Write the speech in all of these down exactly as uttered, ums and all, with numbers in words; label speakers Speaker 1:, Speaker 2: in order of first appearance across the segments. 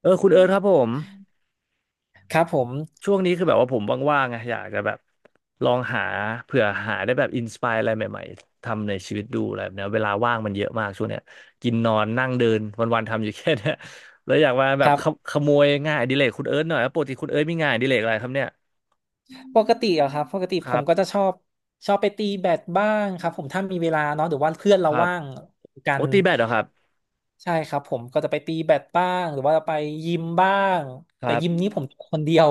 Speaker 1: เออคุณเอิร์ธครับผม
Speaker 2: ครับผม
Speaker 1: ช่วงนี้คือแบบว่าผมว่างๆไงอยากจะแบบลองหาเผื่อหาได้แบบอินสปายอะไรใหม่ๆทำในชีวิตดูอะไรแบบเนี้ยเวลาว่างมันเยอะมากช่วงเนี้ยกินนอนนั่งเดินวันๆทำอยู่แค่เนี้ย แล้วอยากมาแบ
Speaker 2: ค
Speaker 1: บ
Speaker 2: รั
Speaker 1: ข
Speaker 2: บ
Speaker 1: โขโมยงานอดิเรกคุณเอิร์ธหน่อยว่าปกติคุณเอิร์ธมีงานอดิเรกอะไรครับเนี่ย
Speaker 2: ปกติอะครับปกติ
Speaker 1: ค
Speaker 2: ผ
Speaker 1: รั
Speaker 2: มก็จะ
Speaker 1: บ
Speaker 2: ชอบชอบไปตีแบดบ้างครับผมถ้ามีเวลาเนาะหรือว่าเพื่อน
Speaker 1: ค
Speaker 2: เรา
Speaker 1: รับ
Speaker 2: ว่างกั
Speaker 1: โอ้
Speaker 2: น
Speaker 1: ตีแบดเหรอครับ
Speaker 2: ใช่ครับผมก็จะไปตีแบดบ้างหรือว่าไปยิมบ้าง
Speaker 1: ค
Speaker 2: แต่
Speaker 1: รั
Speaker 2: ยิม
Speaker 1: บ
Speaker 2: นี้ผมคนเดียว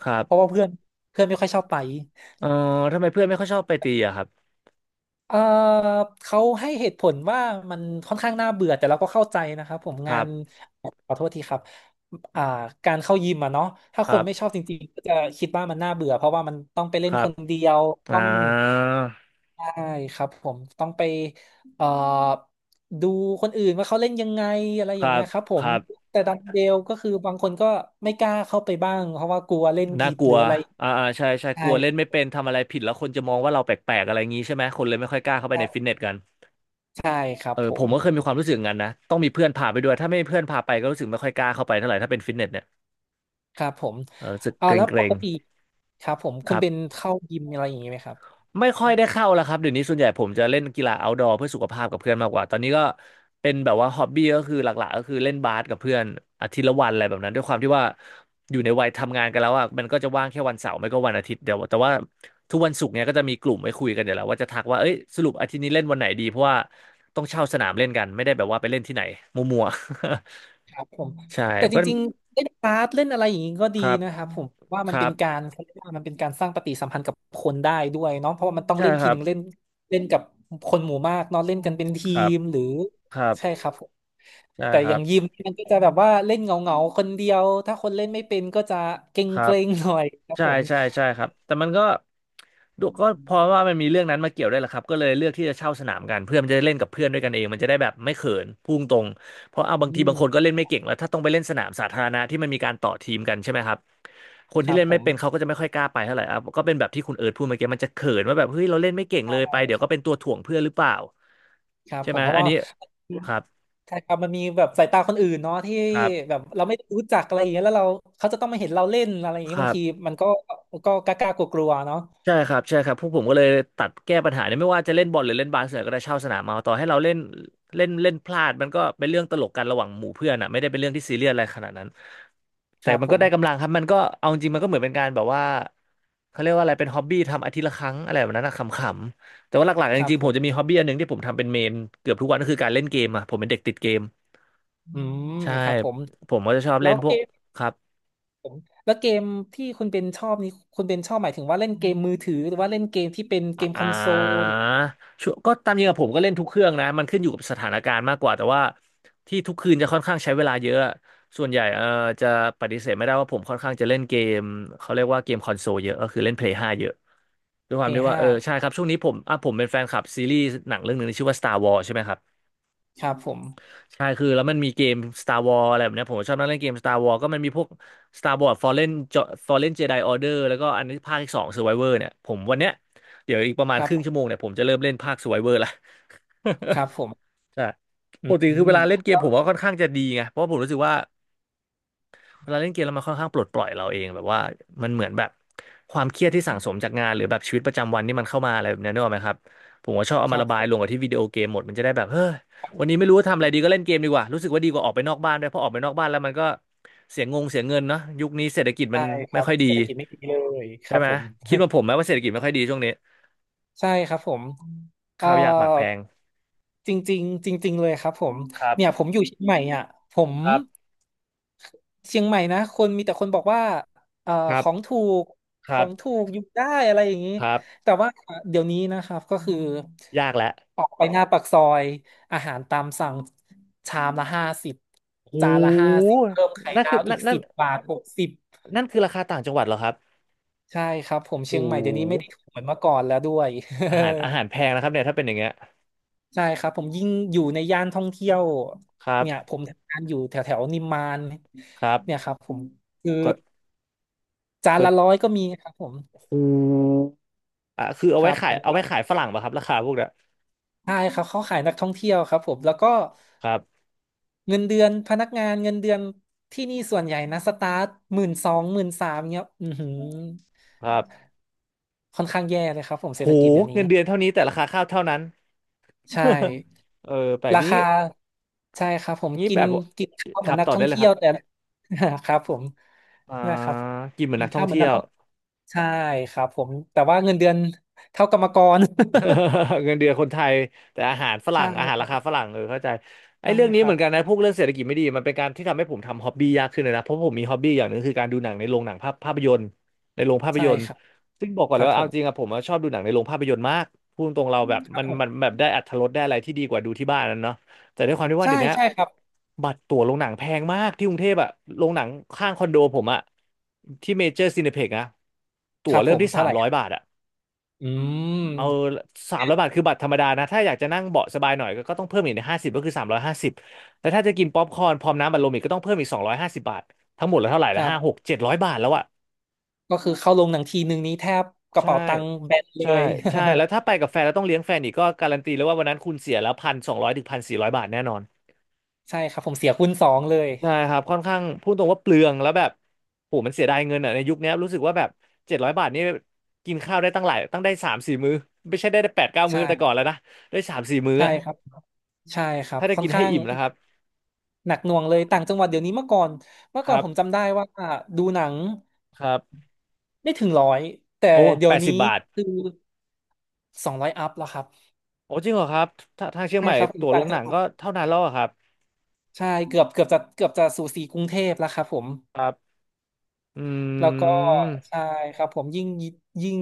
Speaker 1: ครับ
Speaker 2: เพราะว่าเพื่อนเพื่อนไม่ค่อยชอบไป
Speaker 1: เออทำไมเพื่อนไม่ค่อยชอบไปตีอะครับ
Speaker 2: เออเขาให้เหตุผลว่ามันค่อนข้างน่าเบื่อแต่เราก็เข้าใจนะครับผม
Speaker 1: ค
Speaker 2: งา
Speaker 1: รั
Speaker 2: น
Speaker 1: บ
Speaker 2: ขอโทษทีครับอ่าการเข้ายิมอะเนาะถ้า
Speaker 1: ค
Speaker 2: ค
Speaker 1: รั
Speaker 2: นไม่ชอบ
Speaker 1: บ
Speaker 2: จริงๆก็จะคิดว่ามันน่าเบื่อเพราะว่ามันต้องไปเล่
Speaker 1: ค
Speaker 2: น
Speaker 1: รั
Speaker 2: ค
Speaker 1: บ
Speaker 2: นเดียว
Speaker 1: อ่
Speaker 2: ต้อง
Speaker 1: า
Speaker 2: ใช่ครับผมต้องไปเอ่อดูคนอื่นว่าเขาเล่นยังไงอะไร
Speaker 1: ค
Speaker 2: อย่า
Speaker 1: รั
Speaker 2: งเงี้
Speaker 1: บ
Speaker 2: ยครับผ
Speaker 1: ค
Speaker 2: ม
Speaker 1: รับ
Speaker 2: แต่ดันเดลก็คือบางคนก็ไม่กล้าเข้าไปบ้างเพราะว่ากลัวเล่น
Speaker 1: น่า
Speaker 2: ผิด
Speaker 1: ก
Speaker 2: ห
Speaker 1: ลั
Speaker 2: รื
Speaker 1: ว
Speaker 2: ออะไร
Speaker 1: อ่าอ่าใช่ใช่ก
Speaker 2: ใช่
Speaker 1: ลัวเล่นไม่เป็นทำอะไรผิดแล้วคนจะมองว่าเราแปลกๆอะไรงี้ใช่ไหมคนเลยไม่ค่อยกล้าเข้าไป
Speaker 2: ใช่
Speaker 1: ในฟิตเนสกัน
Speaker 2: ใช่ครับ
Speaker 1: เออ
Speaker 2: ผ
Speaker 1: ผ
Speaker 2: ม
Speaker 1: มก็เคยมีความรู้สึกอย่างนั้นนะ ต้องมีเพื่อนพาไปด้วย ถ้าไม่มีเพื่อนพาไปก็รู้สึกไม่ค่อยกล้าเข้าไปเท่าไหร่ถ้าเป็นฟิตเนสเนี่ย
Speaker 2: ครับผม
Speaker 1: เออรู้สึก
Speaker 2: อ่า
Speaker 1: เก
Speaker 2: แล้วป
Speaker 1: รง
Speaker 2: กติครับผม
Speaker 1: ๆค
Speaker 2: คุณ
Speaker 1: รับ
Speaker 2: เป็นเข้ายิมอะไรอย่างนี้ไหมครับ
Speaker 1: ไม่ค่อยได้เข้าแล้วครับเดี๋ยวนี้ส่วนใหญ่ผมจะเล่นกีฬา outdoor เพื่อสุขภาพกับเพื่อนมากกว่าตอนนี้ก็เป็นแบบว่าฮอบบี้ก็คือหลักๆก็คือเล่นบาสกับเพื่อนอาทิตย์ละวันอะไรแบบนั้นด้วยความที่ว่าอยู่ในวัยทำงานกันแล้วอ่ะมันก็จะว่างแค่วันเสาร์ไม่ก็วันอาทิตย์เดียวแต่ว่าทุกวันศุกร์เนี้ยก็จะมีกลุ่มไว้คุยกันเดี๋ยวแล้วว่าจะทักว่าเอ้ยสรุปอาทิตย์นี้เล่นวันไหนดีเพราะว่าต้องเช่าสนามเล่นกันไม่ได้แบบว่าไปเล่นที่ไหนมั่วๆ
Speaker 2: ครับผม
Speaker 1: ใช่
Speaker 2: แต่จ
Speaker 1: ก็
Speaker 2: ริงๆเล่นบาสเล่นอะไรอย่างนี้ก็
Speaker 1: ค
Speaker 2: ดี
Speaker 1: รับ
Speaker 2: นะครับผมว่า
Speaker 1: ค
Speaker 2: มัน
Speaker 1: รั
Speaker 2: เป็น
Speaker 1: บ
Speaker 2: การเขาเรียกว่ามันเป็นการสร้างปฏิสัมพันธ์กับคนได้ด้วยเนาะเพราะว่ามันต้อง
Speaker 1: ใช่
Speaker 2: เล่น
Speaker 1: ค
Speaker 2: ที
Speaker 1: รั
Speaker 2: ห
Speaker 1: บ
Speaker 2: นึ่งเล่นเล่นกับคนหมู่มากเนาะเล่นกันเป็น
Speaker 1: ค
Speaker 2: ที
Speaker 1: รับ
Speaker 2: มหรือ
Speaker 1: ครับ
Speaker 2: ใช่ครับผม
Speaker 1: ใช่
Speaker 2: แต่
Speaker 1: ค
Speaker 2: อ
Speaker 1: รั
Speaker 2: ย่า
Speaker 1: บ
Speaker 2: งยิมมันก็จะแบบว่าเล่นเงาเงาคนเดียวถ้าคนเล่นไม่เป็นก็จะเกร็ง
Speaker 1: ครั
Speaker 2: เก
Speaker 1: บ
Speaker 2: รงหน่อยครับ
Speaker 1: ใช่
Speaker 2: ผม
Speaker 1: ใช่ใช่ครับแต่มันก็ดูก็เพราะว่ามันมีเรื่องนั้นมาเกี่ยวด้วยแหละครับก็เลยเลือกที่จะเช่าสนามกันเพื่อมันจะได้เล่นกับเพื่อนด้วยกันเองมันจะได้แบบไม่เขินพุ่งตรงเพราะเอาบาง
Speaker 2: อื
Speaker 1: ทีบา
Speaker 2: ม
Speaker 1: งคนก็เล่นไม่เก่งแล้วถ้าต้องไปเล่นสนามสาธารณะที่มันมีการต่อทีมกันใช่ไหมครับคน
Speaker 2: ค
Speaker 1: ที่
Speaker 2: รับ
Speaker 1: เล่น
Speaker 2: ผ
Speaker 1: ไม่
Speaker 2: ม
Speaker 1: เป็นเขาก็จะไม่ค่อยกล้าไปเท่าไหร่อ่ะก็เป็นแบบที่คุณเอิร์ธพูดเมื่อกี้มันจะเขินว่าแบบเฮ้ยเราเล่นไม่เก่ง
Speaker 2: ใช่
Speaker 1: เลยไปเดี๋ย
Speaker 2: ค
Speaker 1: ว
Speaker 2: รั
Speaker 1: ก็เป็น
Speaker 2: บ
Speaker 1: ตัวถ่วงเพื่อนหรือเปล่า
Speaker 2: ครับ
Speaker 1: ใช่
Speaker 2: ผ
Speaker 1: ไหม
Speaker 2: มเพราะ
Speaker 1: อัน
Speaker 2: ว่า
Speaker 1: นี้ครับ
Speaker 2: ใช่ครับมันมีแบบสายตาคนอื่นเนาะที่
Speaker 1: ครับ
Speaker 2: แบบเราไม่รู้จักอะไรอย่างเงี้ยแล้วเราเขาจะต้องมาเห็นเราเล่นอะไรอย่าง
Speaker 1: ค
Speaker 2: เงี้ย
Speaker 1: รั
Speaker 2: บาง
Speaker 1: บ
Speaker 2: ทีมันก็ก็กล้ากลัวกลัวๆเนาะ
Speaker 1: ใช่ครับใช่ครับพวกผมก็เลยตัดแก้ปัญหาเนี่ยไม่ว่าจะเล่นบอลหรือเล่นบาสเนี่ยก็ได้เช่าสนามมาต่อให้เราเล่นเล่นเล่นพลาดมันก็เป็นเรื่องตลกกันระหว่างหมู่เพื่อนอ่ะไม่ได้เป็นเรื่องที่ซีเรียสอะไรขนาดนั้น
Speaker 2: ค
Speaker 1: แต่
Speaker 2: รับ
Speaker 1: มัน
Speaker 2: ผ
Speaker 1: ก็
Speaker 2: ม
Speaker 1: ได้กำลังครับมันก็เอาจริงมันก็เหมือนเป็นการแบบว่าเขาเรียกว่าอะไรเป็นฮ็อบบี้ทำอาทิตย์ละครั้งอะไรแบบนั้นนะขำๆแต่ว่าหลัก
Speaker 2: ค
Speaker 1: ๆจ
Speaker 2: รับ
Speaker 1: ริงๆ
Speaker 2: ผ
Speaker 1: ผม
Speaker 2: ม
Speaker 1: จะมีฮ็อบบี้อันหนึ่งที่ผมทำเป็นเมนเกือบทุกวันก็คือการเล่นเกมอ่ะผมเป็นเด็กติดเกม
Speaker 2: อืม
Speaker 1: ใช่
Speaker 2: ครับผม
Speaker 1: ผมก็จะชอบ
Speaker 2: แล้
Speaker 1: เล่
Speaker 2: ว
Speaker 1: นพ
Speaker 2: เก
Speaker 1: วก
Speaker 2: ม
Speaker 1: ครับ
Speaker 2: แล้วเกมที่คุณเป็นชอบนี้คุณเป็นชอบหมายถึงว่าเล่นเกมมือถือหรือว่าเล่นเกมที่เป็นเกม
Speaker 1: อ่
Speaker 2: คอนโซล
Speaker 1: าชวร์ก็ตามจริงกับผมก็เล่นทุกเครื่องนะมันขึ้นอยู่กับสถานการณ์มากกว่าแต่ว่าที่ทุกคืนจะค่อนข้างใช้เวลาเยอะส่วนใหญ่เออจะปฏิเสธไม่ได้ว่าผมค่อนข้างจะเล่นเกมเขาเรียกว่าเกมคอนโซลเยอะก็คือเล่น เพลย์ ห้าเยอะด้วยความที่ว่าเออ
Speaker 2: พี เอส ห้า
Speaker 1: ใช่ครับช่วงนี้ผมอ่ะผมเป็นแฟนคลับซีรีส์หนังเรื่องหนึ่งที่ชื่อว่า Star Wars ใช่ไหมครับ
Speaker 2: ครับผม
Speaker 1: ใช่คือแล้วมันมีเกม Star Wars อะไรแบบเนี้ยผมชอบนั่งเล่นเกม Star Wars ก็มันมีพวก Star Wars Fallen Jo- Fallen Jedi Order แล้วก็อันนี้ภาคที่สอง Survivor เนี่ยผมวันเนี้ยเดี๋ยวอีกประมาณ
Speaker 2: ครั
Speaker 1: ค
Speaker 2: บ
Speaker 1: รึ่งชั่วโมงเนี่ยผมจะเริ่มเล่นภาค Survivor ละ
Speaker 2: ครับผม
Speaker 1: ใช่
Speaker 2: อ
Speaker 1: ปกติ
Speaker 2: ื
Speaker 1: คือ
Speaker 2: ม
Speaker 1: เวลาเล่นเก
Speaker 2: แล้
Speaker 1: ม
Speaker 2: ว
Speaker 1: ผมก็ค่อนข้างจะดีไงเพราะผมรู้สึกว่า เวลาเล่นเกมแล้วมันค่อนข้างปลดปล่อยเราเองแบบว่ามันเหมือนแบบความเครียดที่สั่งสมจากงานหรือแบบชีวิตประจำวันที่มันเข้ามาอะไรแบบนี้นึกออกไหมครับผมก็ชอบเอา
Speaker 2: ค
Speaker 1: มา
Speaker 2: รับ
Speaker 1: ระ
Speaker 2: ผ
Speaker 1: บายลง
Speaker 2: ม
Speaker 1: กับที่วิดีโอเกมหมดมันจะได้แบบเฮ้ยวันนี้ไม่รู้ว่าทำอะไรดีก็เล่นเกมดีกว่ารู้สึกว่าดีกว่าออกไปนอกบ้านด้วยเพราะออกไปนอกบ้านแล้วมันก็เสียงงเสียเงินเนาะยุคนี้เศรษฐกิจมั
Speaker 2: ใช่
Speaker 1: น
Speaker 2: ค
Speaker 1: ไม่
Speaker 2: รับ
Speaker 1: ค่อยดี
Speaker 2: เศรษฐกิจไม่ดีเลยค
Speaker 1: ใช่
Speaker 2: รับ
Speaker 1: ไหม
Speaker 2: ผม
Speaker 1: คิดว่าผมไหมว่าเศรษฐกิจไม่ค่อยดีช่วงนี้
Speaker 2: ใช่ครับผมเอ่อ
Speaker 1: ข้าวยากหมากแพง
Speaker 2: จริงๆจริงๆเลยครับผม
Speaker 1: ครั
Speaker 2: เนี่ยผ
Speaker 1: บ
Speaker 2: มอยู่เชียงใหม่อ่ะผม
Speaker 1: ครับ
Speaker 2: เชียงใหม่นะคนมีแต่คนบอกว่าเอ่อ
Speaker 1: ครั
Speaker 2: ของ
Speaker 1: บ
Speaker 2: ถูก
Speaker 1: ค
Speaker 2: ขอ
Speaker 1: รั
Speaker 2: งถู
Speaker 1: บ
Speaker 2: กอยู่ได้อะไรอย่างนี้
Speaker 1: ครับ
Speaker 2: แต่ว่าเดี๋ยวนี้นะครับก็คือ
Speaker 1: ยากแล้ว
Speaker 2: ออกไปหน้าปากซอยอาหารตามสั่งชามละห้าสิบ
Speaker 1: โ
Speaker 2: จานละห้า
Speaker 1: ห
Speaker 2: สิบเพิ่มไข่
Speaker 1: นั่น
Speaker 2: ดา
Speaker 1: คือ
Speaker 2: วอี
Speaker 1: นั่น
Speaker 2: ก
Speaker 1: นั่น
Speaker 2: สิบบาทหกสิบ
Speaker 1: นั่นคือราคาต่างจังหวัดเหรอครับ
Speaker 2: ใช่ครับผม
Speaker 1: โอ้
Speaker 2: เชียง
Speaker 1: โ
Speaker 2: ใหม่เดี๋ยวนี้ไม่ได้ถู
Speaker 1: ห
Speaker 2: กเหมือนเมื่อก่อนแล้วด้วย
Speaker 1: อาหารอาหาร แพงนะครับเนี่ยถ้าเป็นอย่างเงี้ย
Speaker 2: ใช่ครับผมยิ่งอยู่ในย่านท่องเที่ยว
Speaker 1: ครับ
Speaker 2: เนี่ยผมทำงานอยู่แถวแถวนิมมาน
Speaker 1: ครั
Speaker 2: เนี่ย
Speaker 1: บ
Speaker 2: ครับผมคือ
Speaker 1: ก็
Speaker 2: จาน
Speaker 1: ก็
Speaker 2: ละร้อยก็มีครับผม
Speaker 1: โหูอ่ะคือเอา
Speaker 2: ค
Speaker 1: ไว้
Speaker 2: รับ
Speaker 1: ขา
Speaker 2: ผ
Speaker 1: ย
Speaker 2: ม
Speaker 1: เอาไว้ขายฝรั่งป่ะครับราคาพวกเนี้ย
Speaker 2: ใช่ครับเขาขายนักท่องเที่ยวครับผมแล้วก็
Speaker 1: ครับ
Speaker 2: เงินเดือนพนักงานเงินเดือนที่นี่ส่วนใหญ่นะสตาร์ทหมื่นสองหมื่นสามเงี้ยอือหือ
Speaker 1: ครับ
Speaker 2: ค่อนข้างแย่เลยครับผมเศ
Speaker 1: โห
Speaker 2: รษฐกิจเดี๋ยวนี้
Speaker 1: เงินเดือนเท่านี้แต่ราคาข้าวเท่านั้น
Speaker 2: ใช่
Speaker 1: เออแปลก
Speaker 2: รา
Speaker 1: นี้
Speaker 2: คาใช่ครับผม
Speaker 1: นี้
Speaker 2: กิ
Speaker 1: แบ
Speaker 2: น
Speaker 1: บว่า
Speaker 2: กินข้าว
Speaker 1: ค
Speaker 2: เหมือ
Speaker 1: รั
Speaker 2: น
Speaker 1: บ
Speaker 2: นัก
Speaker 1: ต่อ
Speaker 2: ท่อ
Speaker 1: ได้
Speaker 2: ง
Speaker 1: เลย
Speaker 2: เที่
Speaker 1: ค
Speaker 2: ย
Speaker 1: รั
Speaker 2: ว
Speaker 1: บ
Speaker 2: แต่ ครับผม
Speaker 1: อ่า
Speaker 2: นะครับ
Speaker 1: กินเหมือน
Speaker 2: กิน
Speaker 1: นักท่อ
Speaker 2: ข้าว
Speaker 1: ง
Speaker 2: เหมือน
Speaker 1: เที่ย
Speaker 2: นัก
Speaker 1: ว
Speaker 2: ท่อง ใช่ครับผมแต่ว่าเงินเดือน เท่ากรรมกร
Speaker 1: เงินเดือนคนไทยแต่อาหารฝ รั่
Speaker 2: ใช่
Speaker 1: งอาหาร
Speaker 2: ค
Speaker 1: รา
Speaker 2: รั
Speaker 1: คาฝ
Speaker 2: บ
Speaker 1: รั่งเออเข้าใจไอ้
Speaker 2: ใช่
Speaker 1: เรื่องนี้
Speaker 2: ครั
Speaker 1: เหมื
Speaker 2: บ
Speaker 1: อนกันนะพวกเรื่องเศรษฐกิจไม่ดีมันเป็นการที่ทำให้ผมทำฮ็อบบี้ยากขึ้นเลยนะเพราะผมมีฮ็อบบี้อย่างหนึ่งคือการดูหนังในโรงหนังภาพภาพยนตร์ในโรงภาพ
Speaker 2: ใช่
Speaker 1: ยนตร์
Speaker 2: ครับ
Speaker 1: ซึ่งบอกก่อน
Speaker 2: ค
Speaker 1: เล
Speaker 2: รับ
Speaker 1: ยว่า
Speaker 2: ผ
Speaker 1: เอา
Speaker 2: ม
Speaker 1: จริงอะผมอะชอบดูหนังในโรงภาพยนตร์มากพูดตรงๆเราแบบ
Speaker 2: ครั
Speaker 1: มั
Speaker 2: บ
Speaker 1: น
Speaker 2: ผ
Speaker 1: มัน
Speaker 2: ม
Speaker 1: แบบได้อรรถรสได้อะไรที่ดีกว่าดูที่บ้านนั่นเนาะแต่ด้วยความที่ว่า
Speaker 2: ใช่
Speaker 1: เดี๋ยวนี้
Speaker 2: ใช่ครับ
Speaker 1: บัตรตั๋วโรงหนังแพงมากที่กรุงเทพอะโรงหนังข้างคอนโดผมอะที่เมเจอร์ซีเนเพ็กนะ
Speaker 2: ค
Speaker 1: ตั๋ว
Speaker 2: รับ
Speaker 1: เริ่
Speaker 2: ผ
Speaker 1: ม
Speaker 2: ม
Speaker 1: ที่สา
Speaker 2: เท่า
Speaker 1: ม
Speaker 2: ไหร่
Speaker 1: ร้อยบาทอะ
Speaker 2: อื
Speaker 1: เอา
Speaker 2: ม
Speaker 1: สามร้อยบาทคือบัตรธรรมดานะถ้าอยากจะนั่งเบาะสบายหน่อยก็ก็ต้องเพิ่มอีกห้าสิบก็คือสามร้อยห้าสิบแล้วถ้าจะกินป๊อปคอร์นพร้อมน้ำอัดลมอีกก็ต้องเพิ่มอีกสองร้อยห้าสิบบาททั้งหมดแล้วเท่าไหร่
Speaker 2: ค
Speaker 1: ละ
Speaker 2: รั
Speaker 1: ห้าห
Speaker 2: บ
Speaker 1: กเจ็ดร้อยบาทแล้วอะ
Speaker 2: ก็คือเข้าลงหนังทีนึงนี้แทบกระ
Speaker 1: ใช่
Speaker 2: เป๋าตังค์แบนเล
Speaker 1: ใช่
Speaker 2: ย
Speaker 1: ใช่แล้วถ้าไปกับแฟนแล้วต้องเลี้ยงแฟนอีกก็การันตีแล้วว่าวันนั้นคุณเสียแล้วพันสองร้อยถึงพันสี่ร้อยบาทแน่นอน
Speaker 2: ใช่ครับผมเสียคูณสองเลย
Speaker 1: ใช่ครับค่อนข้างพูดตรงว่าเปลืองแล้วแบบโหมันเสียดายเงินอ่ะในยุคเนี้ยรู้สึกว่าแบบเจ็ดร้อยบาทนี่กินข้าวได้ตั้งหลายตั้งได้สามสี่มื้อไม่ใช่ได้แปดเก้ามื้อแต่ก่อน
Speaker 2: ใช่
Speaker 1: แล้วนะได้สามสี่มื้อ
Speaker 2: ใช่
Speaker 1: อะ
Speaker 2: ครับใช่ครับ
Speaker 1: ถ้าได้
Speaker 2: ค่อน
Speaker 1: กินให้
Speaker 2: ข้าง
Speaker 1: อิ่มนะครับ
Speaker 2: หนักหน่วงเลยต่างจังหวัดเดี๋ยวนี้เมื่อก่อนเมื่
Speaker 1: ค
Speaker 2: อก่อ
Speaker 1: รั
Speaker 2: นผม
Speaker 1: บ
Speaker 2: จำได้ว่าดูหนัง
Speaker 1: ครับ
Speaker 2: ไม่ถึงร้อยแต่
Speaker 1: โอ้
Speaker 2: เดี๋ย
Speaker 1: แป
Speaker 2: ว
Speaker 1: ดสิ
Speaker 2: นี้
Speaker 1: บบาท
Speaker 2: คือสองร้อยอัพแล้วครับ
Speaker 1: โอ้จริงเหรอครับถ้าทางเชียง
Speaker 2: ใช่
Speaker 1: ใหม่
Speaker 2: ครับอ
Speaker 1: ตั๋
Speaker 2: ยู่
Speaker 1: วโร
Speaker 2: ต่าง
Speaker 1: งห
Speaker 2: จั
Speaker 1: นั
Speaker 2: ง
Speaker 1: ง
Speaker 2: หวั
Speaker 1: ก็
Speaker 2: ด
Speaker 1: เท่านั้นแล้วอะครับ
Speaker 2: ใช่เกือบเกือบจะเกือบจะสู่สีกรุงเทพแล้วครับผม
Speaker 1: ครับอ
Speaker 2: แล้ว
Speaker 1: ื
Speaker 2: ก็
Speaker 1: ม
Speaker 2: ใช่ครับผมยิ่งยิ่ง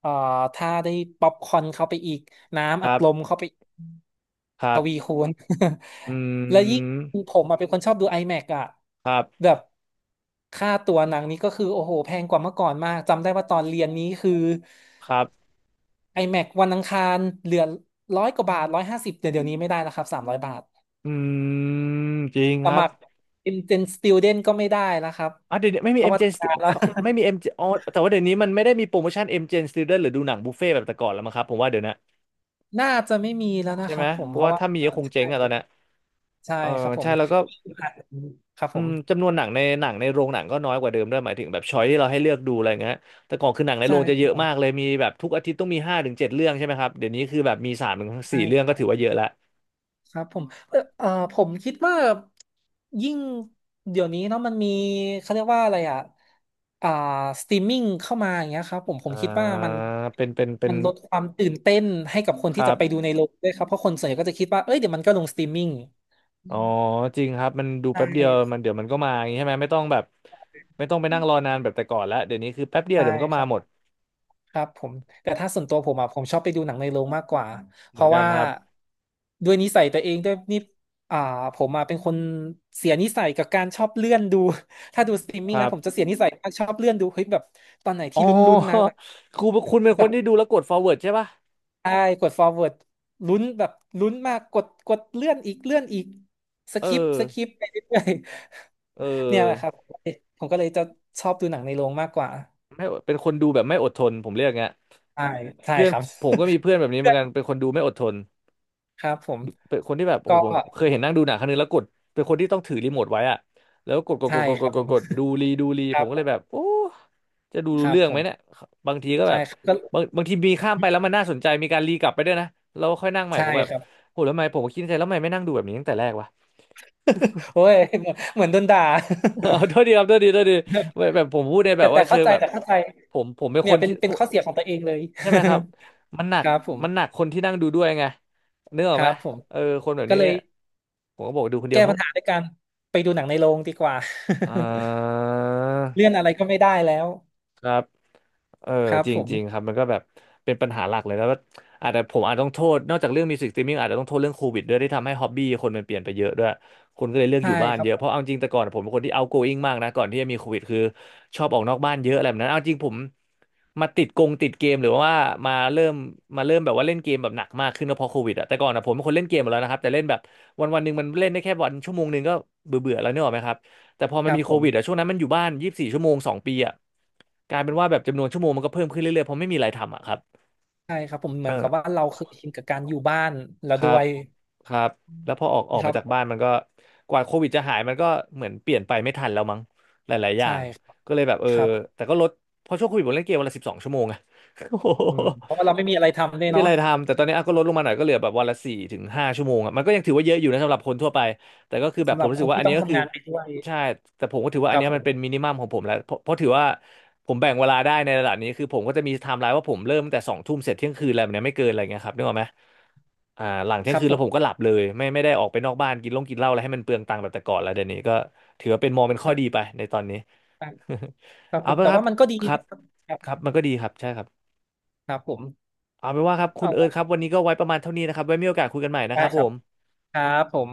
Speaker 2: เอ่อถ้าได้ป๊อปคอร์นเข้าไปอีก
Speaker 1: ค
Speaker 2: น้ำอั
Speaker 1: รั
Speaker 2: ดลม
Speaker 1: บ
Speaker 2: เข้าไปอีก
Speaker 1: ครั
Speaker 2: ทวี
Speaker 1: บ
Speaker 2: คูณ
Speaker 1: อื
Speaker 2: แล้วยิ่ง
Speaker 1: ม
Speaker 2: ผมอะเป็นคนชอบดู IMAX อแม็กซ์อ่ะ
Speaker 1: ครั
Speaker 2: แบ
Speaker 1: บ
Speaker 2: บค่าตัวหนังนี้ก็คือโอ้โหแพงกว่าเมื่อก่อนมากจำได้ว่าตอนเรียนนี้คือ
Speaker 1: ครับ
Speaker 2: IMAX วันอังคารเหลือร้อยกว่าบาทร้อยห้าสิบเดี๋ยวเดี๋ยวนี้ไม่ได้แล้วครับสามร้อยบาท
Speaker 1: อืมจริง
Speaker 2: ส
Speaker 1: ครับ
Speaker 2: มัคร Intern Student ก็ไม่ได้แล้วครับ
Speaker 1: อ่ะเดี๋ยวนี้ไม่
Speaker 2: เพ
Speaker 1: มี
Speaker 2: ราะว่า
Speaker 1: เอ็ม จี เอ็ม
Speaker 2: ทำ
Speaker 1: Stu-
Speaker 2: งาน
Speaker 1: เจ
Speaker 2: แล้ว
Speaker 1: เขา ไม่มีเอ็ม g m อ๋อแต่ว่าเดี๋ยวนี้มันไม่ได้มีโปรโมชั่น เอ็ม จี เอ็ม Student หรือดูหนังบุฟเฟ่ต์แบบแต่ก่อนแล้วมั้งครับผมว่าเดี๋ยวนะ
Speaker 2: น่าจะไม่มีแล้วนะ
Speaker 1: ใช่
Speaker 2: ค
Speaker 1: ไห
Speaker 2: รั
Speaker 1: ม
Speaker 2: บผม
Speaker 1: เพ
Speaker 2: เพ
Speaker 1: ราะ
Speaker 2: ราะ
Speaker 1: ว่า
Speaker 2: ว่า
Speaker 1: ถ้ามีก็คงเจ๊ง
Speaker 2: ใช่
Speaker 1: อะตอนเนี้ย
Speaker 2: ใช่
Speaker 1: เออ
Speaker 2: ครับผ
Speaker 1: ใช่
Speaker 2: ม
Speaker 1: แล้วก็
Speaker 2: ครับ
Speaker 1: อื
Speaker 2: ผ
Speaker 1: ม
Speaker 2: ม
Speaker 1: จำนวนหนังในหนังในโรงหนังก็น้อยกว่าเดิมด้วยหมายถึงแบบช้อยที่เราให้เลือกดูอะไรเงี้ยแต่ก่อนคือหนังในโร
Speaker 2: ใช่
Speaker 1: งจะ
Speaker 2: ค
Speaker 1: เย
Speaker 2: รับ
Speaker 1: อะ
Speaker 2: ผ
Speaker 1: มาก
Speaker 2: ม
Speaker 1: เลยมีแบบทุกอาทิตย์ต้องมีห้าถึงเจ็ดเรื่องใช่ไหมครับเดี๋ยวนี้คือแบบมีสามถึง
Speaker 2: ใช่
Speaker 1: สี่เรื่อ
Speaker 2: ค
Speaker 1: งก็
Speaker 2: รั
Speaker 1: ถือว่า
Speaker 2: บ
Speaker 1: เยอะละ
Speaker 2: ครับผมเออเอ่อผมคิดว่ายิ่งเดี๋ยวนี้เนาะมันมีเขาเรียกว่าอะไรอ่ะอ่าสตรีมมิ่งเข้ามาอย่างเงี้ยครับผมผมคิดว่า
Speaker 1: อ่า
Speaker 2: มัน
Speaker 1: เป็นเป็นเป็
Speaker 2: มั
Speaker 1: น
Speaker 2: นลดความตื่นเต้นให้กับคน
Speaker 1: ค
Speaker 2: ที่
Speaker 1: รั
Speaker 2: จะไปดู
Speaker 1: บ
Speaker 2: ในโรงด้วยครับเพราะคนส่วนใหญ่ก็จะคิดว่าเอ้ยเดี๋ยวมันก็ลงสตรีมมิ่ง
Speaker 1: อ๋อจริงครับมันดู
Speaker 2: ใช่
Speaker 1: แป๊บเดียวมันเดี๋ยวมันก็มาอย่างนี้ใช่ไหมไม่ต้องแบบไม่ต้องไปนั่งรอนานแบบแต่ก่อนละเดี๋ยวนี้คือแป๊บเดียว
Speaker 2: ใช่
Speaker 1: เดี๋ยวมันก็
Speaker 2: ค
Speaker 1: มา
Speaker 2: รับ
Speaker 1: หม
Speaker 2: ผ
Speaker 1: ด
Speaker 2: มครับผมแต่ถ้าส่วนตัวผมอ่ะผมชอบไปดูหนังในโรงมากกว่าเพ
Speaker 1: เหมือน
Speaker 2: ราะ
Speaker 1: กัน
Speaker 2: ว่า
Speaker 1: ครับ
Speaker 2: ด้วยนิสัยตัวเองด้วยนี่อ่าผมอ่ะเป็นคนเสียนิสัยกับการชอบเลื่อนดู ถ้าดูสตรีม
Speaker 1: ค
Speaker 2: มิ่ง
Speaker 1: รั
Speaker 2: นะผม
Speaker 1: บ
Speaker 2: จะเสียนิสัยมากชอบเลื่อนดูเฮ้ยแบบตอนไหน
Speaker 1: อ๋อ
Speaker 2: ที่ลุ้นๆนะแบบ
Speaker 1: ครูคุณเป็นค
Speaker 2: แบ
Speaker 1: น
Speaker 2: บ
Speaker 1: ที่ดูแล้วกด forward ใช่ปะ
Speaker 2: ใช่กด forward ลุ้นแบบลุ้นมากกดกดเลื่อนอีกเลื่อนอีกส
Speaker 1: เออ
Speaker 2: คิปสคิปไปเรื่อย
Speaker 1: เ
Speaker 2: ๆเนี่ยแหละครั
Speaker 1: ออ
Speaker 2: บผมก็เลยจะชอบดูหนังในโรงมากกว่า
Speaker 1: ไม่เป็นคนดูแบบไม่อดทนผมเรียกไง
Speaker 2: ใช่ใช่
Speaker 1: เพื่อน
Speaker 2: ครับ
Speaker 1: ผมก็มีเพื่อนแบบนี้เหมือนกันเป็นคนดูไม่อดทน
Speaker 2: ครับผม
Speaker 1: เป็นคนที่แบบ
Speaker 2: ก็
Speaker 1: โอ้โหผมเคยเห็นนั่งดูหนังครั้งนึงแล้วกดเป็นคนที่ต้องถือรีโมทไว้อะแล้วกดกดก
Speaker 2: ใช่
Speaker 1: ดกด
Speaker 2: ค
Speaker 1: ก
Speaker 2: รั
Speaker 1: ด
Speaker 2: บ
Speaker 1: ก
Speaker 2: ผ
Speaker 1: ด
Speaker 2: ม
Speaker 1: กดดูรีดูรี
Speaker 2: ค
Speaker 1: ผ
Speaker 2: รั
Speaker 1: ม
Speaker 2: บ
Speaker 1: ก็
Speaker 2: ผ
Speaker 1: เลยแบบ
Speaker 2: ม
Speaker 1: โอ้จะดู
Speaker 2: ค
Speaker 1: รู้
Speaker 2: รับ
Speaker 1: เรื่อง
Speaker 2: ผ
Speaker 1: ไหม
Speaker 2: ม
Speaker 1: เนี่ยบางทีก็แบ
Speaker 2: ใช่
Speaker 1: บ
Speaker 2: ครับก็
Speaker 1: บางบางทีมีข้ามไปแล้วมันน่าสนใจมีการรีกลับไปด้วยนะเราค่อยนั่งใหม่
Speaker 2: ใช่
Speaker 1: ผมแบบ
Speaker 2: ครับ
Speaker 1: โหแล้วทำไมผมก็คิดในใจแล้วทำไมไม่นั่งดูแบบนี้ตั้งแต่แรกวะ
Speaker 2: โอ้ยเหมือนเหมือนโดนด่า
Speaker 1: เอาโทษดีครับโทษดีโทษดี
Speaker 2: แต่
Speaker 1: แบบแบบผมพูดในแบบ
Speaker 2: แต่
Speaker 1: ว่าเชิ
Speaker 2: เข้า
Speaker 1: ง
Speaker 2: ใจ
Speaker 1: แบบ
Speaker 2: แต่เข้าใจ
Speaker 1: ผมผมเป็น
Speaker 2: เนี่
Speaker 1: ค
Speaker 2: ย
Speaker 1: น
Speaker 2: เป็น
Speaker 1: ที่
Speaker 2: เป็นข้อเสียของตัวเองเลย
Speaker 1: ใช่ไหมครับ มันหนั ก
Speaker 2: ครับผม
Speaker 1: มันหนักคนที่นั่งดูด้วยไงนึกออ
Speaker 2: ค
Speaker 1: กไหม
Speaker 2: รับผม
Speaker 1: เออคนแบบ
Speaker 2: ก็
Speaker 1: นี้
Speaker 2: เลย
Speaker 1: ผมก็บอกดูคนเดีย
Speaker 2: แก้
Speaker 1: วเฮ้
Speaker 2: ปัญ
Speaker 1: ย
Speaker 2: หาด้วยการไปดูหนังในโรงดีกว่า
Speaker 1: เออ
Speaker 2: เลื่อนอะไรก็ไม่ได้แล้ว
Speaker 1: ครับ เออ
Speaker 2: ครับ
Speaker 1: จ
Speaker 2: ผม
Speaker 1: ริงๆครับมันก็แบบเป็นปัญหาหลักเลยแล้วก็อาจจะผมอาจต้องโทษนอกจากเรื่องมิวสิกสตรีมมิ่งอาจจะต้องโทษเรื่องโควิดด้วยที่ทำให้ฮ็อบบี้คนมันเปลี่ยนไปเยอะด้วยคนก็เลยเลือก
Speaker 2: ใช่
Speaker 1: อยู่บ้าน
Speaker 2: ครับ
Speaker 1: เยอะ
Speaker 2: ผ
Speaker 1: เพราะเอา
Speaker 2: ม
Speaker 1: จริงแต่ก่อนผมเป็นคนที่ outgoing มากนะก่อนที่จะมีโควิดคือชอบออกนอกบ้านเยอะอะไรแบบนั้นเอาจริงผมมาติดกงติดเกมหรือว่ามาเริ่มมาเริ่มแบบว่าเล่นเกมแบบหนักมากขึ้นก็เพราะโควิดอะแต่ก่อนอะผมเป็นคนเล่นเกมหมดแล้วนะครับแต่เล่นแบบวันวันหนึ่งมันเล่นได้แค่วันชั่วโมงหนึ่งก็เบื่อเบื่อแล้วเนี่ยหรอกไหมครับ แต่พอมั
Speaker 2: ค
Speaker 1: น
Speaker 2: รับ
Speaker 1: มีโค
Speaker 2: ผม
Speaker 1: วิดอะช่วงนั้นมันอยู่บ้านยี่สิบสี่ชั่วโมงสองปีอะกลายเป็นว่าแบบจำนวนชั่วโมงมันก็เพิ่มขึ้นเรื่อยๆเพราะไม่มีอะไรทำอะครับ
Speaker 2: ใช่ครับผมเห
Speaker 1: เอ
Speaker 2: มือ
Speaker 1: อ
Speaker 2: นกับว่าเราเคยชินกับการอยู่บ้านแล้ว
Speaker 1: ค
Speaker 2: ด้
Speaker 1: รั
Speaker 2: ว
Speaker 1: บ
Speaker 2: ย
Speaker 1: ครับแล้วพอออกออก
Speaker 2: ครั
Speaker 1: มาจากบ้า
Speaker 2: บ
Speaker 1: นมันก็กว่าโควิดจะหายมันก็เหมือนเปลี่ยนไปไม่ทันแล้วมั้งหลายๆอย่า
Speaker 2: ใช่
Speaker 1: ง
Speaker 2: ครับ
Speaker 1: ก็เลยแบบเออ
Speaker 2: ครับ
Speaker 1: แต่ก็ลดเพราะช่วงโควิดผมเล่นเกมวันละสิบสองชั่วโมงอะโอ้โห
Speaker 2: อืมเพราะว่าเราไม่มีอะไรทำเล
Speaker 1: ไม่
Speaker 2: ย
Speaker 1: มี
Speaker 2: เนาะ
Speaker 1: อะไรทำแต่ตอนนี้อ่ะก็ลดลงมาหน่อยก็เหลือแบบวันละสี่ถึงห้าชั่วโมงอะมันก็ยังถือว่าเยอะอยู่นะสำหรับคนทั่วไปแต่ก็คือแบบ
Speaker 2: สำ
Speaker 1: ผ
Speaker 2: หรั
Speaker 1: ม
Speaker 2: บ
Speaker 1: รู้
Speaker 2: ค
Speaker 1: สึก
Speaker 2: น
Speaker 1: ว่า
Speaker 2: ที่
Speaker 1: อัน
Speaker 2: ต้อ
Speaker 1: นี้
Speaker 2: ง
Speaker 1: ก็คื
Speaker 2: ทำ
Speaker 1: อ
Speaker 2: งานไปด้วย
Speaker 1: ใช่ แต่ผมก็ถือว่า
Speaker 2: ค
Speaker 1: อัน
Speaker 2: รับ
Speaker 1: เนี้ย
Speaker 2: ผ
Speaker 1: มันเป็น
Speaker 2: ม
Speaker 1: มินิมัมของผมแล้วเพราะเพราะถือว่าผมแบ่งเวลาได้ในระดับนี้คือผมก็จะมีไทม์ไลน์ว่าผมเริ่มตั้งแต่สองทุ่มเสร็จเที่ยงคืนอะไรแบบเนี้ยไม่เกินอะไรเงี้ยครับนึกออกไหมอ่าหลังเที่
Speaker 2: ค
Speaker 1: ยง
Speaker 2: รับ
Speaker 1: คืน
Speaker 2: ผ
Speaker 1: แล้วผมก็
Speaker 2: ม
Speaker 1: หลับเลยไม่ไม่ได้ออกไปนอกบ้านกินเหล้งกินเหล้าอะไรให้มันเปลืองตังค์แบบแต่ก่อนแล้วเดี๋ยวนี้ก็ถือว่าเป็นมองเป็นข้
Speaker 2: ค
Speaker 1: อ
Speaker 2: รั
Speaker 1: ดี
Speaker 2: บ
Speaker 1: ไปในตอนนี้
Speaker 2: ครั บผ
Speaker 1: เอา
Speaker 2: ม
Speaker 1: ไป
Speaker 2: แต่
Speaker 1: ครับ
Speaker 2: ว่ามันก็ดี
Speaker 1: ครับ
Speaker 2: นะครับครั
Speaker 1: ครับ
Speaker 2: บ
Speaker 1: มันก็ดีครับใช่ครับ
Speaker 2: ครับผม
Speaker 1: เอาเป็นว่าครับคุณเอิร์ธค
Speaker 2: เอา
Speaker 1: รับวันนี้ก็ไว้ประมาณเท่านี้นะครับไว้มีโอกาสคุยกันใหม่นะค
Speaker 2: ได้
Speaker 1: รับ
Speaker 2: ค
Speaker 1: ผ
Speaker 2: รับ
Speaker 1: ม
Speaker 2: ครับผม